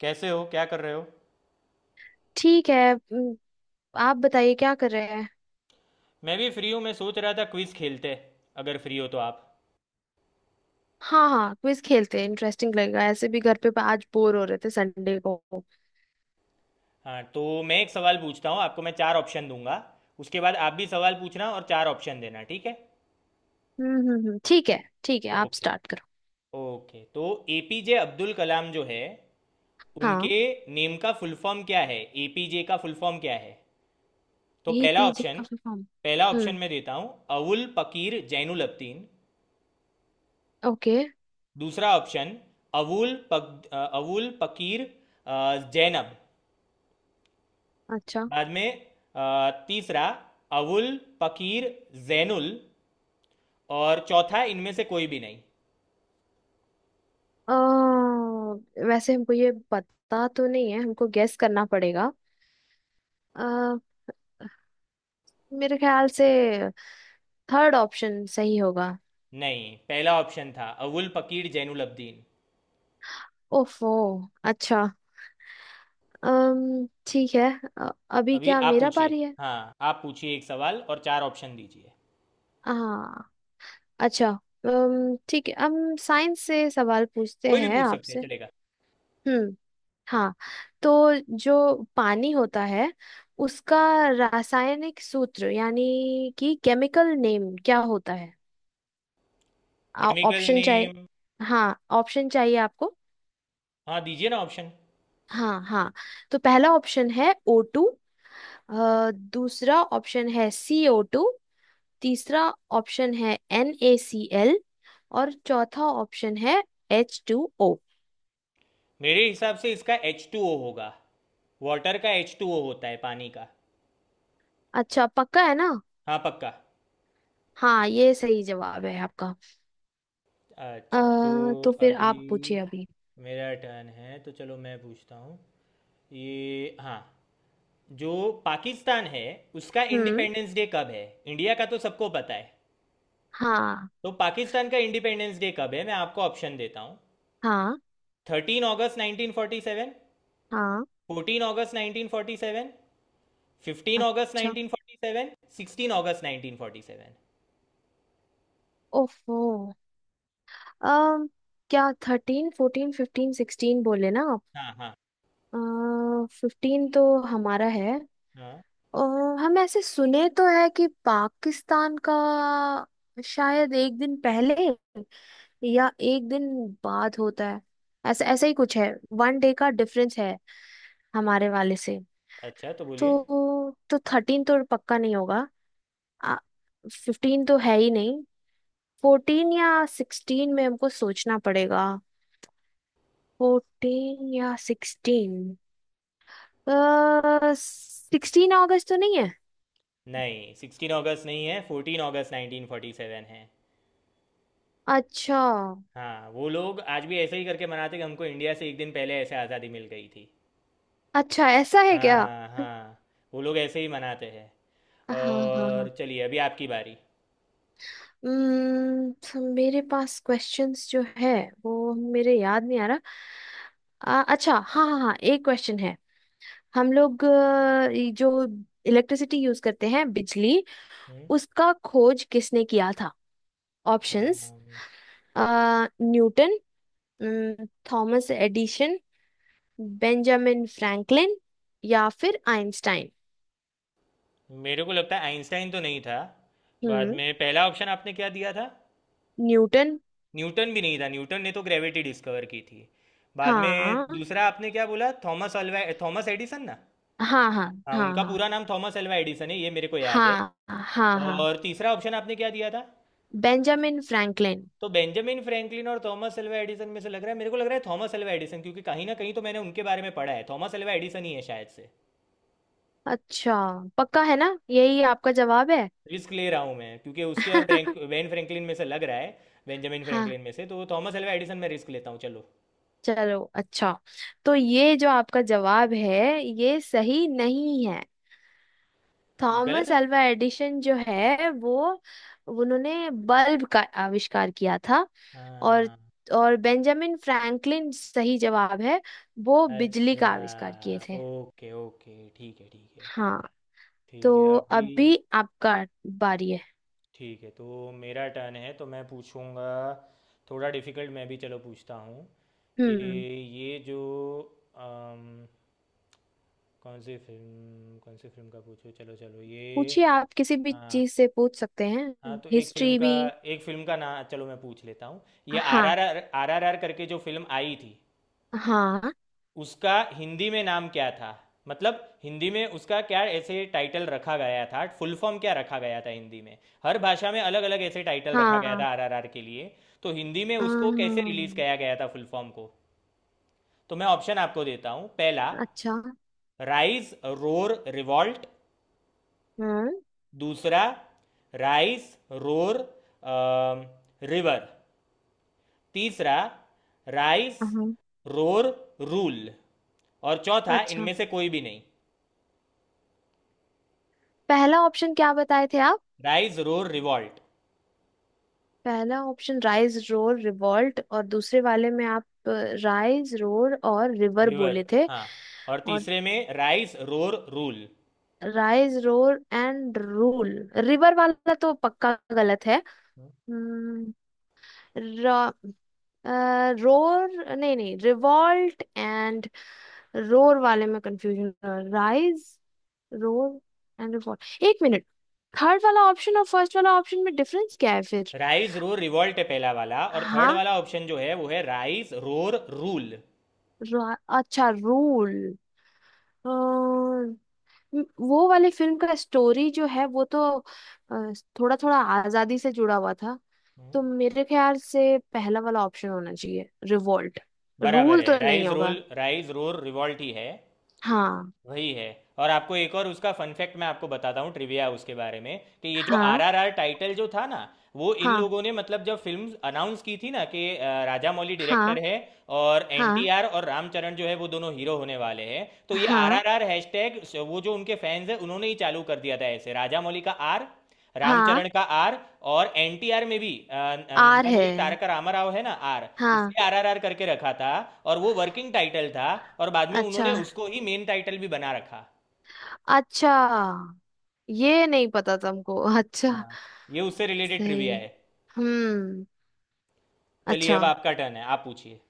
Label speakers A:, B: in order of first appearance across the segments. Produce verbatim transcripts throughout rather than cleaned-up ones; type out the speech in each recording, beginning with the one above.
A: कैसे हो? क्या कर रहे हो?
B: ठीक है। हम्म। आप बताइए क्या कर रहे हैं।
A: मैं भी फ्री हूँ। मैं सोच रहा था क्विज खेलते, अगर फ्री हो तो आप।
B: हाँ हाँ, क्विज खेलते हैं, इंटरेस्टिंग लगेगा। ऐसे भी घर पे आज बोर हो रहे थे संडे को। हम्म।
A: हाँ, तो मैं एक सवाल पूछता हूँ आपको, मैं चार ऑप्शन दूंगा। उसके बाद आप भी सवाल पूछना और चार ऑप्शन देना, ठीक है?
B: हम्म हम्म, ठीक है ठीक है, आप
A: ओके।
B: स्टार्ट करो।
A: ओके, तो एपीजे अब्दुल कलाम जो है
B: हाँ।
A: उनके नेम का फुल फॉर्म क्या है? एपीजे का फुल फॉर्म क्या है? तो पहला
B: एपीजे
A: ऑप्शन,
B: का फुल फॉर्म।
A: पहला ऑप्शन
B: हम्म।
A: मैं देता हूँ। अवुल पकीर जैनुल अब्दीन।
B: ओके।
A: दूसरा ऑप्शन, अवुल पक अवुल पकीर अ, जैनब।
B: अच्छा।
A: बाद में अ, तीसरा, अवुल फकीर जैनुल। और चौथा, इनमें से कोई भी नहीं।
B: अ, वैसे हमको ये पता तो नहीं है, हमको गेस करना पड़ेगा। अ, मेरे ख्याल से थर्ड ऑप्शन सही होगा।
A: नहीं, पहला ऑप्शन था अवुल फकीर जैनुल अब्दीन।
B: ओफो। अच्छा। अम, ठीक है। अ, अभी
A: अभी
B: क्या
A: आप
B: मेरा
A: पूछिए।
B: पारी है।
A: हाँ, आप पूछिए, एक सवाल और चार ऑप्शन दीजिए।
B: हाँ। अच्छा। अम, ठीक है, हम साइंस से सवाल पूछते
A: कोई भी
B: हैं
A: पूछ सकते हैं,
B: आपसे।
A: चलेगा।
B: हम्म। हाँ। तो जो पानी होता है उसका रासायनिक सूत्र यानी कि केमिकल नेम क्या होता है।
A: केमिकल
B: ऑप्शन चाहिए।
A: नेम?
B: हाँ। ऑप्शन चाहिए आपको।
A: हाँ, दीजिए ना ऑप्शन।
B: हाँ हाँ। तो पहला ऑप्शन है ओ टू, दूसरा ऑप्शन है सी ओ टू, तीसरा ऑप्शन है एन ए सी एल, और चौथा ऑप्शन है एच टू ओ।
A: मेरे हिसाब से इसका एच टू ओ होगा। वाटर का एच टू ओ होता है, पानी का।
B: अच्छा, पक्का है ना।
A: हाँ, पक्का।
B: हाँ, ये सही जवाब है आपका। अ,
A: अच्छा, तो
B: तो फिर
A: अभी
B: आप पूछिए अभी।
A: मेरा टर्न है, तो चलो मैं पूछता हूँ। ये, हाँ, जो पाकिस्तान है उसका
B: हम्म।
A: इंडिपेंडेंस डे कब है? इंडिया का तो सबको पता है।
B: हाँ
A: तो पाकिस्तान का इंडिपेंडेंस डे कब है, मैं आपको ऑप्शन देता हूँ।
B: हाँ
A: थर्टीन अगस्त नाइन्टीन फोर्टी सेवन,
B: हाँ।
A: फोर्टीन अगस्त नाइन्टीन फोर्टी सेवन, फिफ्टीन अगस्त
B: अच्छा।
A: नाइन्टीन फोर्टी सेवन, सिक्सटीन अगस्त नाइन्टीन फोर्टी सेवन।
B: ओफो। अम क्या थर्टीन फोर्टीन फिफ्टीन सिक्सटीन बोले ना आप।
A: हाँ, हाँ,
B: फिफ्टीन तो हमारा है।
A: हाँ।
B: अ, हम ऐसे सुने तो है कि पाकिस्तान का शायद एक दिन पहले या एक दिन बाद होता है, ऐसा ऐसा ही कुछ है। वन डे का डिफरेंस है हमारे वाले से।
A: अच्छा, तो बोलिए।
B: तो तो थर्टीन तो पक्का नहीं होगा, फिफ्टीन तो है ही नहीं, फोर्टीन या सिक्सटीन में हमको सोचना पड़ेगा। फोर्टीन या सिक्सटीन। सिक्सटीन अगस्त तो नहीं है।
A: नहीं, सिक्सटीन अगस्त नहीं है, फोर्टीन अगस्त नाइन्टीन फोर्टी सेवन है।
B: अच्छा।
A: हाँ, वो लोग आज भी ऐसे ही करके मनाते कि हमको इंडिया से एक दिन पहले ऐसे आज़ादी मिल गई थी।
B: अच्छा, ऐसा है क्या।
A: हाँ, हाँ, वो लोग ऐसे ही मनाते हैं।
B: हाँ हाँ हाँ।
A: और चलिए अभी आपकी बारी।
B: हम्म, तो मेरे पास क्वेश्चंस जो है वो मेरे याद नहीं आ रहा। आ, अच्छा, हाँ हाँ हाँ, एक क्वेश्चन है। हम लोग अ, ये जो इलेक्ट्रिसिटी यूज करते हैं, बिजली,
A: हम्म।
B: उसका खोज किसने किया था। ऑप्शंस।
A: अम्म,
B: न्यूटन, न, थॉमस एडिशन, बेंजामिन फ्रैंकलिन, या फिर आइंस्टाइन।
A: मेरे को लगता है आइंस्टाइन तो नहीं था। बाद
B: हम्म।
A: में पहला ऑप्शन आपने क्या दिया था?
B: न्यूटन।
A: न्यूटन भी नहीं था, न्यूटन ने तो ग्रेविटी डिस्कवर की थी। बाद में
B: हाँ
A: दूसरा आपने क्या बोला, थॉमस अल्वा, थॉमस एडिसन ना?
B: हाँ हाँ
A: हाँ, उनका
B: हाँ।
A: पूरा नाम थॉमस अल्वा एडिसन है, ये मेरे को याद है।
B: हाँ हाँ हाँ हाँ।
A: और तीसरा ऑप्शन आपने क्या दिया था?
B: Benjamin Franklin.
A: तो बेंजामिन फ्रैंकलिन और थॉमस अल्वा एडिसन में से लग रहा है, मेरे को लग रहा है थॉमस अल्वा एडिसन, क्योंकि कहीं ना कहीं तो मैंने उनके बारे में पढ़ा है, थॉमस अल्वा एडिसन ही है शायद से।
B: अच्छा, पक्का है ना यही आपका जवाब है।
A: रिस्क ले रहा हूँ मैं, क्योंकि उसके और ब्रैंक वेन फ्रैंकलिन में से लग रहा है। बेंजामिन
B: हाँ।
A: फ्रैंकलिन में से तो थॉमस अल्वा एडिसन में रिस्क लेता हूँ, चलो।
B: चलो अच्छा। तो ये जो आपका जवाब है ये सही नहीं है।
A: आ, गलत
B: थॉमस
A: है।
B: अल्वा एडिशन जो है वो, उन्होंने बल्ब का आविष्कार किया था। और
A: हाँ।
B: और बेंजामिन फ्रैंकलिन सही जवाब है, वो बिजली का
A: अच्छा,
B: आविष्कार किए थे।
A: ओके, ओके, ठीक है, ठीक है।
B: हाँ।
A: ठीक है
B: तो
A: अभी।
B: अभी आपका बारी है।
A: ठीक है, तो मेरा टर्न है, तो मैं पूछूंगा। थोड़ा डिफिकल्ट मैं भी चलो पूछता हूँ कि
B: हम्म।
A: ये जो अम, कौन सी फिल्म, कौन सी फिल्म का पूछूं, चलो, चलो, ये
B: पूछिए, आप किसी भी
A: आ,
B: चीज से पूछ सकते हैं,
A: हाँ, तो एक फिल्म
B: हिस्ट्री
A: का,
B: भी।
A: एक फिल्म का नाम चलो मैं पूछ लेता हूँ। ये आर
B: हाँ
A: R R R R R करके जो फिल्म आई थी,
B: हाँ
A: उसका हिंदी में नाम क्या था? मतलब हिंदी में उसका क्या ऐसे टाइटल रखा गया था, फुल फॉर्म क्या रखा गया था हिंदी में? हर भाषा में अलग अलग ऐसे टाइटल रखा गया
B: हाँ।
A: था आर आर आर के लिए। तो हिंदी में उसको कैसे रिलीज
B: अम्म,
A: किया गया था फुल फॉर्म को? तो मैं ऑप्शन आपको देता हूँ। पहला,
B: अच्छा।
A: Rise roar revolt.
B: हम्म।
A: दूसरा, राइज रोर रिवर। तीसरा, राइस
B: हाँ,
A: रोर रूल। और चौथा,
B: अच्छा,
A: इनमें से कोई भी नहीं।
B: पहला ऑप्शन क्या बताए थे।
A: राइस रोर रिवॉल्ट,
B: पहला ऑप्शन राइज रोर रिवॉल्ट, और दूसरे वाले में आप राइज रोर और रिवर
A: रिवर,
B: बोले थे।
A: हाँ, और
B: और
A: तीसरे में rice roar rule.
B: Rise roar and rule. River वाला तो पक्का गलत है। रोर, नहीं नहीं रिवॉल्ट एंड रोर वाले में confusion. Rise roar and revolt. एक मिनट। थर्ड वाला ऑप्शन और फर्स्ट वाला ऑप्शन में डिफरेंस क्या है फिर।
A: राइस रोर रिवॉल्ट है पहला वाला, और थर्ड
B: हाँ।
A: वाला ऑप्शन जो है वो है राइस रोर रूल।
B: रा- अच्छा, रूल। अ, वो वाली फिल्म का स्टोरी जो है वो तो थोड़ा थोड़ा आजादी से जुड़ा हुआ था। तो मेरे ख्याल से पहला वाला ऑप्शन होना चाहिए, रिवोल्ट,
A: बराबर
B: रूल
A: है,
B: तो नहीं
A: राइस
B: होगा।
A: रोल, राइस रोर रिवॉल्ट ही है।
B: हाँ
A: वही है। और आपको एक और उसका फन फैक्ट मैं आपको बताता हूँ, ट्रिविया उसके बारे में, कि ये जो
B: हाँ
A: आरआरआर टाइटल जो था ना, वो इन
B: हाँ
A: लोगों ने, मतलब जब फिल्म अनाउंस की थी ना कि अ, राजा मौली डायरेक्टर
B: हाँ।
A: है, और
B: हाँ
A: एनटीआर और रामचरण जो है वो दोनों हीरो होने वाले हैं, तो ये
B: हाँ
A: आरआरआर हैशटैग वो जो उनके फैंस हैं उन्होंने ही चालू कर दिया था। ऐसे राजा मौली का आर,
B: हाँ।
A: रामचरण का आर, और एनटीआर में भी अ,
B: आर है।
A: नंदामूरी तारका रामाराव है ना आर,
B: हाँ।
A: इसलिए आरआरआर करके रखा था। और वो वर्किंग टाइटल था, और बाद में
B: अच्छा।
A: उन्होंने उसको ही मेन टाइटल भी बना रखा।
B: अच्छा, ये नहीं पता तुमको। अच्छा।
A: हाँ, ये उससे रिलेटेड ट्रिविया
B: सही।
A: है।
B: हम्म।
A: चलिए,
B: अच्छा।
A: अब आपका टर्न है, आप पूछिए।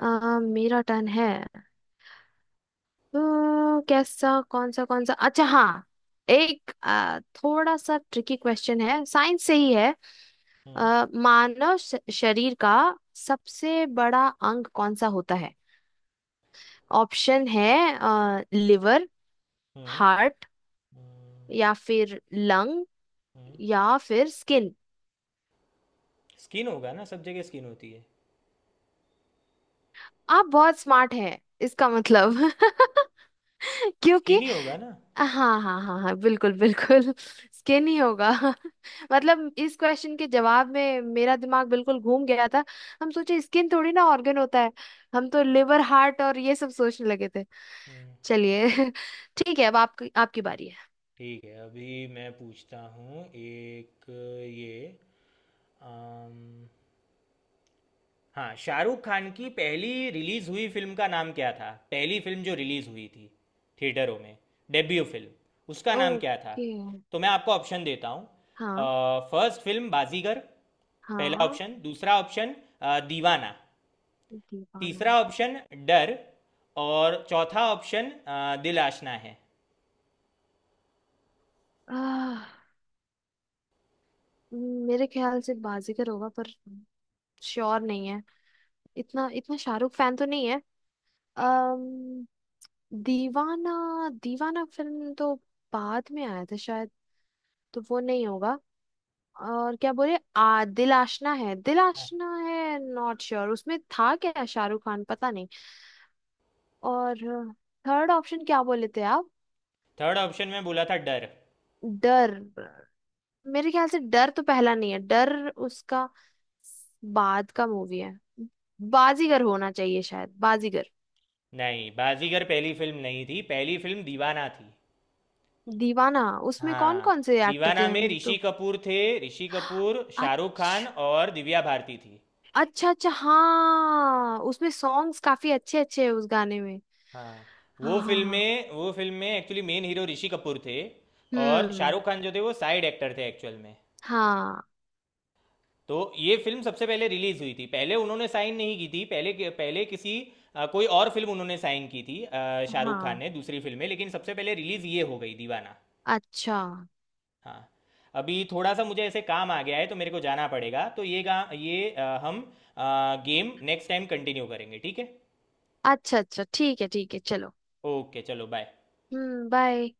B: अ, मेरा टर्न है। तो कैसा कौन सा कौन सा, अच्छा हाँ, एक आ, थोड़ा सा ट्रिकी क्वेश्चन है, साइंस से ही है।
A: हम्म,
B: आ, मानव श- शरीर का सबसे बड़ा अंग कौन सा होता है। ऑप्शन है आ, लिवर,
A: हम्म,
B: हार्ट, या
A: हम्म,
B: फिर लंग,
A: हम्म।
B: या फिर स्किन।
A: स्किन होगा ना, सब जगह स्किन होती है।
B: आप बहुत स्मार्ट हैं इसका मतलब।
A: स्किन
B: क्योंकि
A: ही होगा ना।
B: हाँ हाँ हाँ हाँ, बिल्कुल बिल्कुल। स्किन ही होगा। मतलब इस क्वेश्चन के जवाब में मेरा दिमाग बिल्कुल घूम गया था। हम सोचे स्किन थोड़ी ना ऑर्गन होता है, हम तो लिवर हार्ट और ये सब सोचने लगे थे।
A: हम्म।
B: चलिए। ठीक है, अब आपकी आपकी बारी है।
A: ठीक है, अभी मैं पूछता हूँ एक। ये आम... हाँ, शाहरुख खान की पहली रिलीज हुई फिल्म का नाम क्या था? पहली फिल्म जो रिलीज हुई थी थिएटरों में, डेब्यू फिल्म, उसका नाम क्या था?
B: ओके।
A: तो मैं आपको ऑप्शन देता हूँ।
B: हाँ।
A: फर्स्ट फिल्म बाजीगर, पहला
B: हाँ।
A: ऑप्शन। दूसरा ऑप्शन अ, दीवाना।
B: दीवाना।
A: तीसरा ऑप्शन, डर। और चौथा ऑप्शन अ, दिल आशना है।
B: आह, मेरे ख्याल से बाजीगर होगा, पर श्योर नहीं है, इतना इतना शाहरुख फैन तो नहीं है। अम्म दीवाना, दीवाना फिल्म तो बाद में आया था शायद, तो वो नहीं होगा। और क्या बोले, आ दिल आशना है, दिल आशना है, नॉट श्योर, उसमें था क्या शाहरुख खान पता नहीं। और थर्ड ऑप्शन क्या बोले थे आप।
A: थर्ड ऑप्शन में बोला था डर।
B: डर। मेरे ख्याल से डर तो पहला नहीं है, डर उसका बाद का मूवी है। बाजीगर होना चाहिए, शायद बाजीगर।
A: नहीं, बाजीगर पहली फिल्म नहीं थी, पहली फिल्म दीवाना थी।
B: दीवाना। उसमें कौन
A: हाँ,
B: कौन से एक्टर थे
A: दीवाना में
B: हम
A: ऋषि
B: तो।
A: कपूर थे, ऋषि कपूर, शाहरुख खान,
B: अच्छा।
A: और दिव्या भारती थी।
B: अच्छा अच्छा हाँ, उसमें सॉन्ग्स काफी अच्छे अच्छे हैं, उस गाने में।
A: हाँ,
B: हाँ
A: वो
B: हाँ
A: फिल्म
B: हाँ।
A: में वो फिल्म में actually main hero Rishi Kapoor थे। और
B: हम्म।
A: शाहरुख खान जो थे वो साइड एक्टर थे एक्चुअल में।
B: हाँ
A: तो ये फिल्म सबसे पहले रिलीज हुई थी, पहले उन्होंने साइन नहीं की थी, पहले पहले किसी अ, कोई और फिल्म उन्होंने साइन की थी, अ, शाहरुख खान
B: हाँ।
A: ने दूसरी फिल्म में, लेकिन सबसे पहले रिलीज ये हो गई दीवाना।
B: अच्छा।
A: हाँ। अभी थोड़ा सा मुझे ऐसे काम आ गया है, तो मेरे को जाना पड़ेगा, तो ये गा ये अ, हम आ, गेम नेक्स्ट टाइम कंटिन्यू करेंगे, ठीक है?
B: अच्छा अच्छा, ठीक है ठीक है, चलो।
A: ओके, चलो, बाय।
B: हम्म, बाय।